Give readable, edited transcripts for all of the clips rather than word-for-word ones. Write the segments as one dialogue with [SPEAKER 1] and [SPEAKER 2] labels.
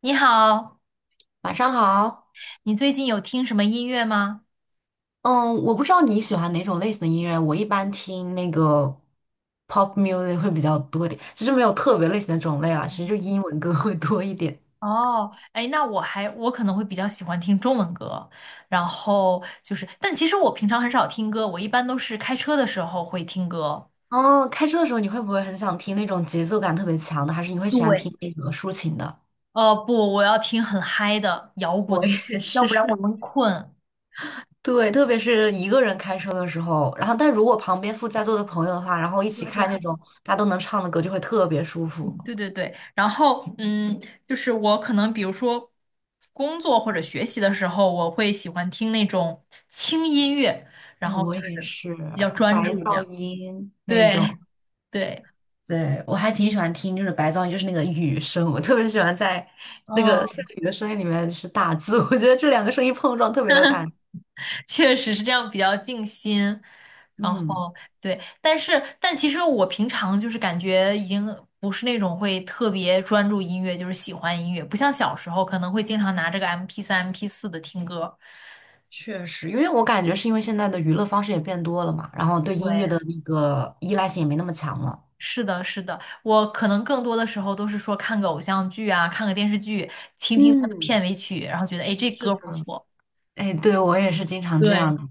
[SPEAKER 1] 你好，
[SPEAKER 2] 晚上好，
[SPEAKER 1] 你最近有听什么音乐吗？
[SPEAKER 2] 嗯，我不知道你喜欢哪种类型的音乐，我一般听那个 pop music 会比较多一点，其实没有特别类型的种类啦，其实就英文歌会多一点。
[SPEAKER 1] 哦，哎，那我可能会比较喜欢听中文歌，然后就是，但其实我平常很少听歌，我一般都是开车的时候会听歌。
[SPEAKER 2] 哦，开车的时候你会不会很想听那种节奏感特别强的，还是你会喜欢
[SPEAKER 1] 对，
[SPEAKER 2] 听那个抒情的？
[SPEAKER 1] 不，我要听很嗨的摇 滚
[SPEAKER 2] 我
[SPEAKER 1] 的，
[SPEAKER 2] 也
[SPEAKER 1] 要
[SPEAKER 2] 是，
[SPEAKER 1] 不然我容易困。
[SPEAKER 2] 对，特别是一个人开车的时候，然后但如果旁边附在座的朋友的话，然后一起
[SPEAKER 1] 对对
[SPEAKER 2] 开那
[SPEAKER 1] 还
[SPEAKER 2] 种大家都能唱的歌，就会特别舒服。
[SPEAKER 1] 对对对，然后嗯，就是我可能比如说工作或者学习的时候，我会喜欢听那种轻音乐，然
[SPEAKER 2] 哎
[SPEAKER 1] 后
[SPEAKER 2] 我
[SPEAKER 1] 就
[SPEAKER 2] 也
[SPEAKER 1] 是
[SPEAKER 2] 是
[SPEAKER 1] 比较
[SPEAKER 2] 白
[SPEAKER 1] 专注这
[SPEAKER 2] 噪
[SPEAKER 1] 样。
[SPEAKER 2] 音那
[SPEAKER 1] 对，
[SPEAKER 2] 种。
[SPEAKER 1] 对，
[SPEAKER 2] 对，我还挺喜欢听，就是白噪音，就是那个雨声，我特别喜欢在那个下
[SPEAKER 1] 嗯，
[SPEAKER 2] 雨的声音里面是打字，我觉得这两个声音碰撞特别有感觉。
[SPEAKER 1] 确实是这样，比较静心。然
[SPEAKER 2] 嗯，
[SPEAKER 1] 后对，但是但其实我平常就是感觉已经不是那种会特别专注音乐，就是喜欢音乐，不像小时候可能会经常拿这个 MP3、MP4的听歌。
[SPEAKER 2] 确实，因为我感觉是因为现在的娱乐方式也变多了嘛，然后对音乐
[SPEAKER 1] 对，
[SPEAKER 2] 的那个依赖性也没那么强了。
[SPEAKER 1] 是的，是的，我可能更多的时候都是说看个偶像剧啊，看个电视剧，听听它的
[SPEAKER 2] 嗯，
[SPEAKER 1] 片尾曲，然后觉得哎这
[SPEAKER 2] 是
[SPEAKER 1] 歌不
[SPEAKER 2] 的。
[SPEAKER 1] 错。
[SPEAKER 2] 哎，对，我也是经常这
[SPEAKER 1] 对，
[SPEAKER 2] 样子。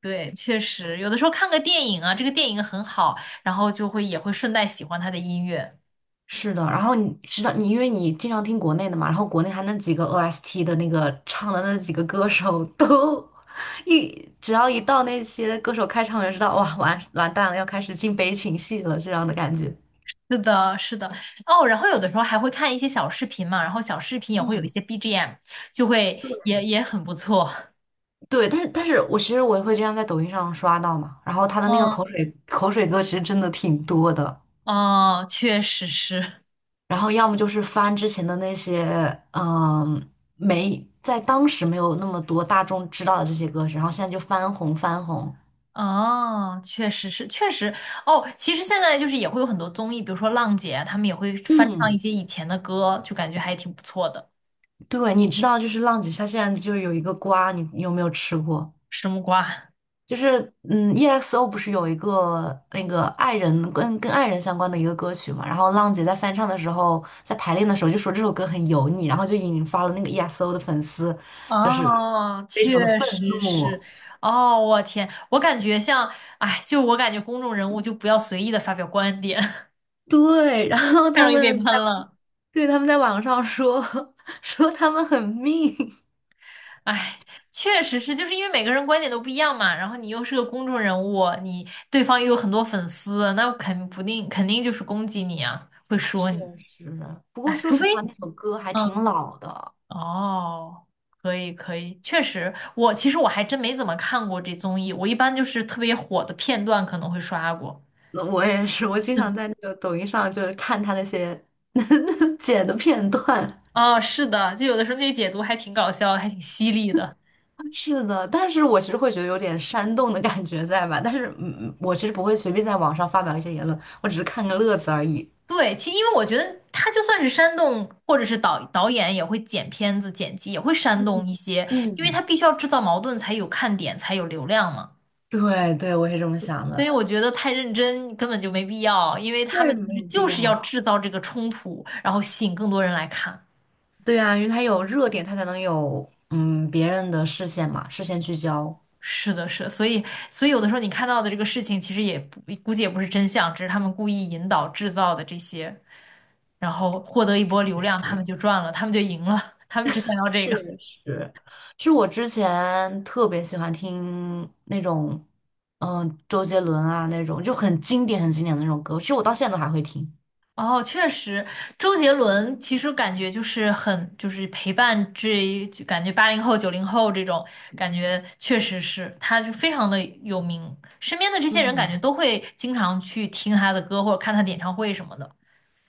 [SPEAKER 1] 对，确实，有的时候看个电影啊，这个电影很好，然后就会也会顺带喜欢它的音乐。
[SPEAKER 2] 是的，然后你知道，你因为你经常听国内的嘛，然后国内还那几个 OST 的那个唱的那几个歌手都 只要一到那些歌手开唱，我就知道哇，完完蛋了，要开始进悲情戏了这样的感觉。
[SPEAKER 1] 是的，是的，哦，然后有的时候还会看一些小视频嘛，然后小视频也会有一
[SPEAKER 2] 嗯，
[SPEAKER 1] 些 BGM，就会也很不错。
[SPEAKER 2] 对，但是我其实也会这样在抖音上刷到嘛，然后他的那个口
[SPEAKER 1] 嗯，
[SPEAKER 2] 水口水歌其实真的挺多的，
[SPEAKER 1] 哦，确实是，
[SPEAKER 2] 然后要么就是翻之前的那些，嗯，没在当时没有那么多大众知道的这些歌手，然后现在就翻红翻红，
[SPEAKER 1] 哦，确实是，确实，哦，其实现在就是也会有很多综艺，比如说浪姐啊他们也会翻唱一
[SPEAKER 2] 嗯，
[SPEAKER 1] 些以前的歌，就感觉还挺不错的。
[SPEAKER 2] 对，你知道，就是浪姐下现在就是有一个瓜，你有没有吃过？
[SPEAKER 1] 什木瓜？
[SPEAKER 2] 就是EXO 不是有一个那个爱人跟爱人相关的一个歌曲嘛？然后浪姐在翻唱的时候，在排练的时候就说这首歌很油腻，然后就引发了那个 EXO 的粉丝，就是
[SPEAKER 1] 哦，
[SPEAKER 2] 非常的
[SPEAKER 1] 确
[SPEAKER 2] 愤
[SPEAKER 1] 实是。
[SPEAKER 2] 怒。
[SPEAKER 1] 哦，我天，我感觉像，哎，就我感觉公众人物就不要随意的发表观点，
[SPEAKER 2] 对，然后
[SPEAKER 1] 太
[SPEAKER 2] 他
[SPEAKER 1] 容易被
[SPEAKER 2] 们
[SPEAKER 1] 喷
[SPEAKER 2] 在
[SPEAKER 1] 了。
[SPEAKER 2] 对他们在网上说 说他们很命，
[SPEAKER 1] 哎，确实是，就是因为每个人观点都不一样嘛，然后你又是个公众人物，你对方又有很多粉丝，那肯不定肯定就是攻击你啊，会
[SPEAKER 2] 确
[SPEAKER 1] 说你。
[SPEAKER 2] 实。不过
[SPEAKER 1] 哎，
[SPEAKER 2] 说
[SPEAKER 1] 除
[SPEAKER 2] 实
[SPEAKER 1] 非，
[SPEAKER 2] 话，那首歌还挺
[SPEAKER 1] 嗯，
[SPEAKER 2] 老的。
[SPEAKER 1] 哦，可以可以，确实，我其实我还真没怎么看过这综艺，我一般就是特别火的片段可能会刷过。
[SPEAKER 2] 那我也是，我经常
[SPEAKER 1] 嗯，
[SPEAKER 2] 在那个抖音上就是看他那些 剪的片段。
[SPEAKER 1] 哦，是的，就有的时候那解读还挺搞笑，还挺犀利的。
[SPEAKER 2] 是的，但是我其实会觉得有点煽动的感觉在吧？但是，我其实不会随便在网上发表一些言论，我只是看个乐子而已。
[SPEAKER 1] 对，其因为我觉得他就算是煽动，或者是导演也会剪片子、剪辑也会煽动
[SPEAKER 2] 嗯
[SPEAKER 1] 一些，因为他
[SPEAKER 2] 嗯，
[SPEAKER 1] 必须要制造矛盾才有看点，才有流量嘛。
[SPEAKER 2] 对对，我也是这么想
[SPEAKER 1] 所以
[SPEAKER 2] 的。
[SPEAKER 1] 我觉得太认真根本就没必要，因为他们
[SPEAKER 2] 对，
[SPEAKER 1] 其
[SPEAKER 2] 没
[SPEAKER 1] 实
[SPEAKER 2] 有
[SPEAKER 1] 就
[SPEAKER 2] 必
[SPEAKER 1] 是要
[SPEAKER 2] 要。
[SPEAKER 1] 制造这个冲突，然后吸引更多人来看。
[SPEAKER 2] 对啊，因为它有热点，它才能有别人的视线嘛，视线聚焦。
[SPEAKER 1] 是的，是的，所以有的时候你看到的这个事情，其实也不估计也不是真相，只是他们故意引导制造的这些，然后获得一波流量，他们就赚了，他们就赢了，他们只想要这
[SPEAKER 2] 确
[SPEAKER 1] 个。
[SPEAKER 2] 实，是我之前特别喜欢听那种，周杰伦啊那种，就很经典、很经典的那种歌。其实我到现在都还会听。
[SPEAKER 1] 哦，确实，周杰伦其实感觉就是很，就是陪伴这，就感觉80后、90后这种感觉，确实是，他就非常的有名，身边的这些人感觉
[SPEAKER 2] 嗯，
[SPEAKER 1] 都会经常去听他的歌或者看他的演唱会什么的。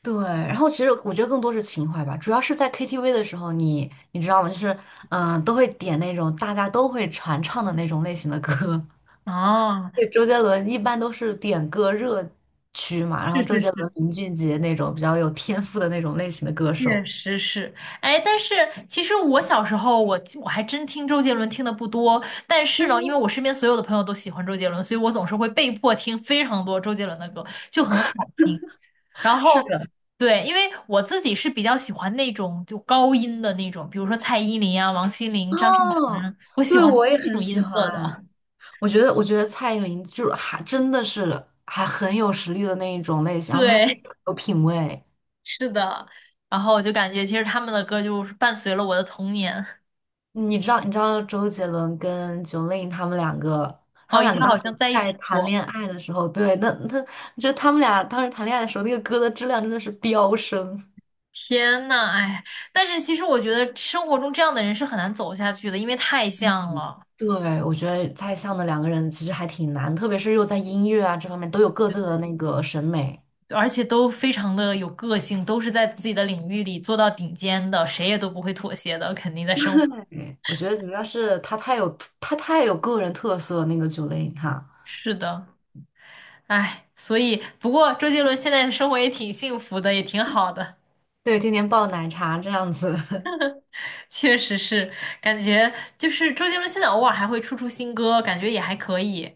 [SPEAKER 2] 对，然后其实我觉得更多是情怀吧，主要是在 KTV 的时候你，你知道吗？就是都会点那种大家都会传唱的那种类型的歌。
[SPEAKER 1] 哦，
[SPEAKER 2] 对，周杰伦一般都是点歌热区嘛，然
[SPEAKER 1] 是
[SPEAKER 2] 后周
[SPEAKER 1] 是
[SPEAKER 2] 杰
[SPEAKER 1] 是，
[SPEAKER 2] 伦、林俊杰那种比较有天赋的那种类型的歌手。
[SPEAKER 1] 确实是。哎，但是其实我小时候我还真听周杰伦听的不多，但是呢，因为我身边所有的朋友都喜欢周杰伦，所以我总是会被迫听非常多周杰伦的歌，就很好听。然
[SPEAKER 2] 是
[SPEAKER 1] 后，
[SPEAKER 2] 的，
[SPEAKER 1] 对，因为我自己是比较喜欢那种就高音的那种，比如说蔡依林啊、王心凌、张韶
[SPEAKER 2] 哦，
[SPEAKER 1] 涵，我喜
[SPEAKER 2] 对，
[SPEAKER 1] 欢
[SPEAKER 2] 我也
[SPEAKER 1] 那
[SPEAKER 2] 很
[SPEAKER 1] 种音
[SPEAKER 2] 喜
[SPEAKER 1] 色的。
[SPEAKER 2] 欢。我觉得蔡依林就是还真的是还很有实力的那一种类型，然后她自己
[SPEAKER 1] 对，
[SPEAKER 2] 很有品味。
[SPEAKER 1] 是的。然后我就感觉其实他们的歌就是伴随了我的童年。
[SPEAKER 2] 你知道周杰伦跟 Jolin 他们两个，他
[SPEAKER 1] 哦，
[SPEAKER 2] 们
[SPEAKER 1] 以
[SPEAKER 2] 两
[SPEAKER 1] 前
[SPEAKER 2] 个当
[SPEAKER 1] 好
[SPEAKER 2] 时
[SPEAKER 1] 像在一起
[SPEAKER 2] 在谈
[SPEAKER 1] 过。
[SPEAKER 2] 恋爱的时候，对，那就他们俩当时谈恋爱的时候，那个歌的质量真的是飙升。
[SPEAKER 1] 天呐，哎，但是其实我觉得生活中这样的人是很难走下去的，因为太像了，
[SPEAKER 2] 对，我觉得在相的两个人其实还挺难，特别是又在音乐啊这方面都有各自的那个审美。
[SPEAKER 1] 而且都非常的有个性，都是在自己的领域里做到顶尖的，谁也都不会妥协的，肯定在生活。
[SPEAKER 2] 对，我觉得主要是他太有个人特色，那个九零他，
[SPEAKER 1] 是的。唉，所以不过周杰伦现在的生活也挺幸福的，也挺好的，
[SPEAKER 2] 对，天天爆奶茶这样子。
[SPEAKER 1] 确实是感觉就是周杰伦现在偶尔还会出新歌，感觉也还可以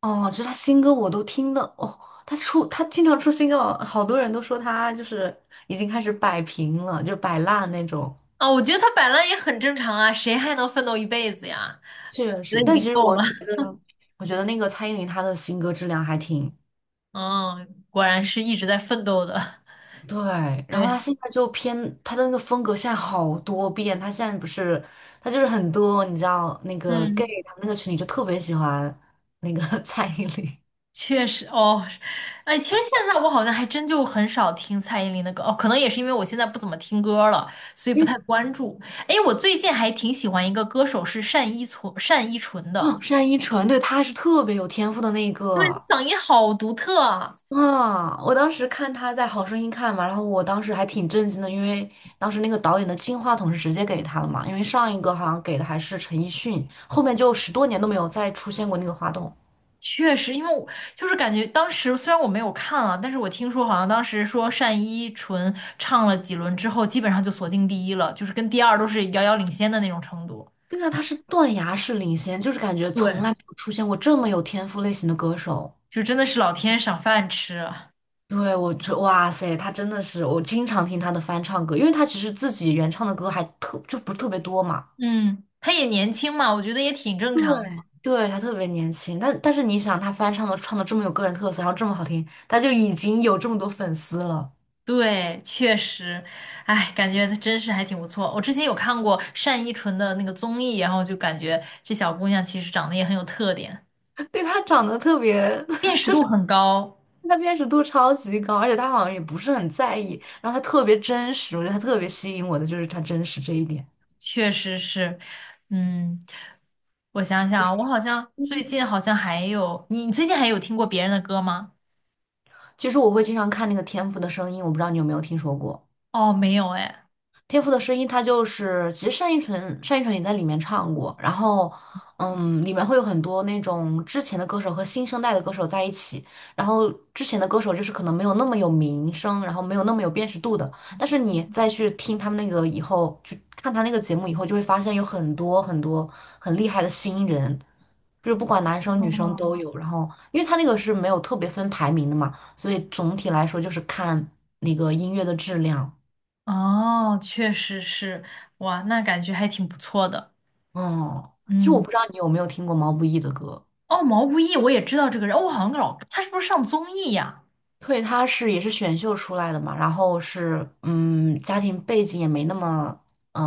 [SPEAKER 2] 哦，就是他新歌我都听的哦，他经常出新歌，好多人都说他就是已经开始摆平了，就摆烂那种。
[SPEAKER 1] 啊。我觉得他摆烂也很正常啊，谁还能奋斗一辈子呀？
[SPEAKER 2] 确
[SPEAKER 1] 觉得
[SPEAKER 2] 实，
[SPEAKER 1] 已
[SPEAKER 2] 但
[SPEAKER 1] 经
[SPEAKER 2] 其实
[SPEAKER 1] 够
[SPEAKER 2] 我
[SPEAKER 1] 了。
[SPEAKER 2] 觉 得，我觉得那个蔡依林她的新歌质量还挺
[SPEAKER 1] 嗯，果然是一直在奋斗的。
[SPEAKER 2] 对，然后他
[SPEAKER 1] 对，
[SPEAKER 2] 现在就偏他的那个风格现在好多变，他现在不是他就是很多，你知道那个 gay
[SPEAKER 1] 嗯。
[SPEAKER 2] 他们那个群里就特别喜欢那个 蔡依林，
[SPEAKER 1] 确实哦，哎，其实现在我好像还真就很少听蔡依林的歌哦，可能也是因为我现在不怎么听歌了，所以
[SPEAKER 2] 因
[SPEAKER 1] 不
[SPEAKER 2] 为
[SPEAKER 1] 太关注。哎，我最近还挺喜欢一个歌手是单依纯，单依纯的，
[SPEAKER 2] 哦单依纯，对，她是特别有天赋的那一
[SPEAKER 1] 对，
[SPEAKER 2] 个
[SPEAKER 1] 嗓音好独特啊。
[SPEAKER 2] 啊，我当时看她在《好声音》看嘛，然后我当时还挺震惊的，因为当时那个导演的金话筒是直接给他了嘛，因为上一个好像给的还是陈奕迅，后面就十多年都没有再出现过那个话筒。
[SPEAKER 1] 确实，因为我就是感觉当时虽然我没有看啊，但是我听说好像当时说单依纯唱了几轮之后，基本上就锁定第一了，就是跟第二都是遥遥领先的那种程度。
[SPEAKER 2] 对啊，他是断崖式领先，就是感觉从
[SPEAKER 1] 对，
[SPEAKER 2] 来没有出现过这么有天赋类型的歌手。
[SPEAKER 1] 就真的是老天赏饭吃啊。
[SPEAKER 2] 对，哇塞，他真的是，我经常听他的翻唱歌，因为他其实自己原唱的歌还特，就不是特别多嘛。
[SPEAKER 1] 嗯，她也年轻嘛，我觉得也挺正常的。
[SPEAKER 2] 对，对，他特别年轻，但是你想，他翻唱的这么有个人特色，然后这么好听，他就已经有这么多粉丝了。
[SPEAKER 1] 对，确实，哎，感觉她真是还挺不错。我之前有看过单依纯的那个综艺，然后就感觉这小姑娘其实长得也很有特点，
[SPEAKER 2] 对，他长得特别，
[SPEAKER 1] 辨识度很高，
[SPEAKER 2] 他辨识度超级高，而且他好像也不是很在意，然后他特别真实，我觉得他特别吸引我的就是他真实这一点。
[SPEAKER 1] 确实是。嗯，我想想啊我好像最近好像还有，你最近还有听过别人的歌吗？
[SPEAKER 2] 其实我会经常看那个《天赋的声音》，我不知道你有没有听说过。
[SPEAKER 1] 哦，没有哎。
[SPEAKER 2] 天赋的声音，它就是其实单依纯也在里面唱过，然后里面会有很多那种之前的歌手和新生代的歌手在一起，然后之前的歌手就是可能没有那么有名声，然后没有那么有辨识度的，但是你再去听他们那个以后，去看他那个节目以后，就会发现有很多很多很厉害的新人。就是不管男生女生都
[SPEAKER 1] 哦，
[SPEAKER 2] 有，然后因为他那个是没有特别分排名的嘛，所以总体来说就是看那个音乐的质量。
[SPEAKER 1] 哦，确实是，哇，那感觉还挺不错的。
[SPEAKER 2] 哦，其实我
[SPEAKER 1] 嗯。
[SPEAKER 2] 不知道你有没有听过毛不易的歌。
[SPEAKER 1] 哦，毛不易，我也知道这个人，哦，我好像老，他是不是上综艺呀？
[SPEAKER 2] 对，他是也是选秀出来的嘛，然后是家庭背景也没那么嗯、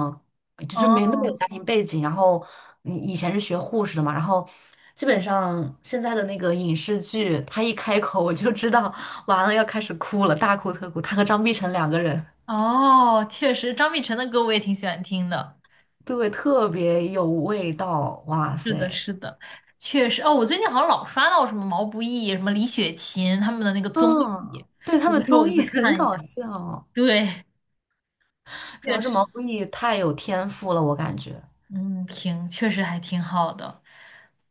[SPEAKER 2] 就是没那么有
[SPEAKER 1] 哦，
[SPEAKER 2] 家庭背景，然后以前是学护士的嘛，然后基本上现在的那个影视剧，他一开口我就知道完了要开始哭了，大哭特哭。他和张碧晨两个人，
[SPEAKER 1] 哦，确实，张碧晨的歌我也挺喜欢听的，
[SPEAKER 2] 对，特别有味道，哇
[SPEAKER 1] 是的，
[SPEAKER 2] 塞，
[SPEAKER 1] 是的，确实。哦，我最近好像老刷到什么毛不易、什么李雪琴他们的那个综艺，
[SPEAKER 2] 嗯，对他
[SPEAKER 1] 有的
[SPEAKER 2] 们
[SPEAKER 1] 时候我
[SPEAKER 2] 综
[SPEAKER 1] 就会
[SPEAKER 2] 艺很
[SPEAKER 1] 看一
[SPEAKER 2] 搞
[SPEAKER 1] 下。
[SPEAKER 2] 笑。
[SPEAKER 1] 对，
[SPEAKER 2] 主要
[SPEAKER 1] 确
[SPEAKER 2] 是
[SPEAKER 1] 实，
[SPEAKER 2] 毛不易太有天赋了，我感觉，
[SPEAKER 1] 嗯，挺，确实还挺好的，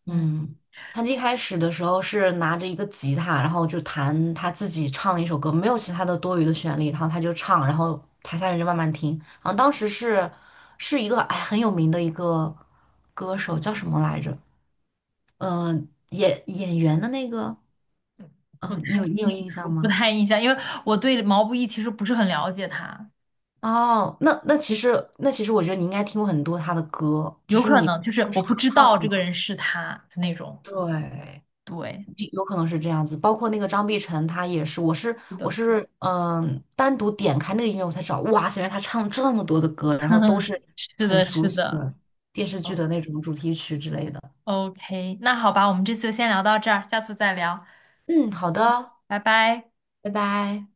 [SPEAKER 1] 嗯，
[SPEAKER 2] 嗯，他一开始的时候是拿着一个吉他，然后就弹他自己唱的一首歌，没有其他的多余的旋律，然后他就唱，然后台下人就慢慢听。然后当时是一个哎很有名的一个歌手，叫什么来着？演员的那个，
[SPEAKER 1] 不
[SPEAKER 2] 嗯、你
[SPEAKER 1] 太
[SPEAKER 2] 有你有
[SPEAKER 1] 清
[SPEAKER 2] 印
[SPEAKER 1] 楚，
[SPEAKER 2] 象
[SPEAKER 1] 不
[SPEAKER 2] 吗？
[SPEAKER 1] 太印象，因为我对毛不易其实不是很了解他，
[SPEAKER 2] 哦，那其实我觉得你应该听过很多他的歌，只
[SPEAKER 1] 有
[SPEAKER 2] 是
[SPEAKER 1] 可
[SPEAKER 2] 你
[SPEAKER 1] 能就
[SPEAKER 2] 不
[SPEAKER 1] 是我
[SPEAKER 2] 是他
[SPEAKER 1] 不知
[SPEAKER 2] 唱
[SPEAKER 1] 道这个
[SPEAKER 2] 的，
[SPEAKER 1] 人是他的那种，
[SPEAKER 2] 对。
[SPEAKER 1] 对。
[SPEAKER 2] 有可能是这样子，包括那个张碧晨，他也是，我是
[SPEAKER 1] 是
[SPEAKER 2] 我
[SPEAKER 1] 的。
[SPEAKER 2] 是单独点开那个音乐我才找，哇塞，原来他唱了这么多的歌，然后都是
[SPEAKER 1] 是
[SPEAKER 2] 很
[SPEAKER 1] 的，
[SPEAKER 2] 熟
[SPEAKER 1] 是
[SPEAKER 2] 悉
[SPEAKER 1] 的。
[SPEAKER 2] 的电视剧
[SPEAKER 1] 嗯
[SPEAKER 2] 的那种主题曲之类的。
[SPEAKER 1] OK，那好吧，我们这次就先聊到这儿，下次再聊，
[SPEAKER 2] 嗯，好的，
[SPEAKER 1] 拜拜。
[SPEAKER 2] 拜拜。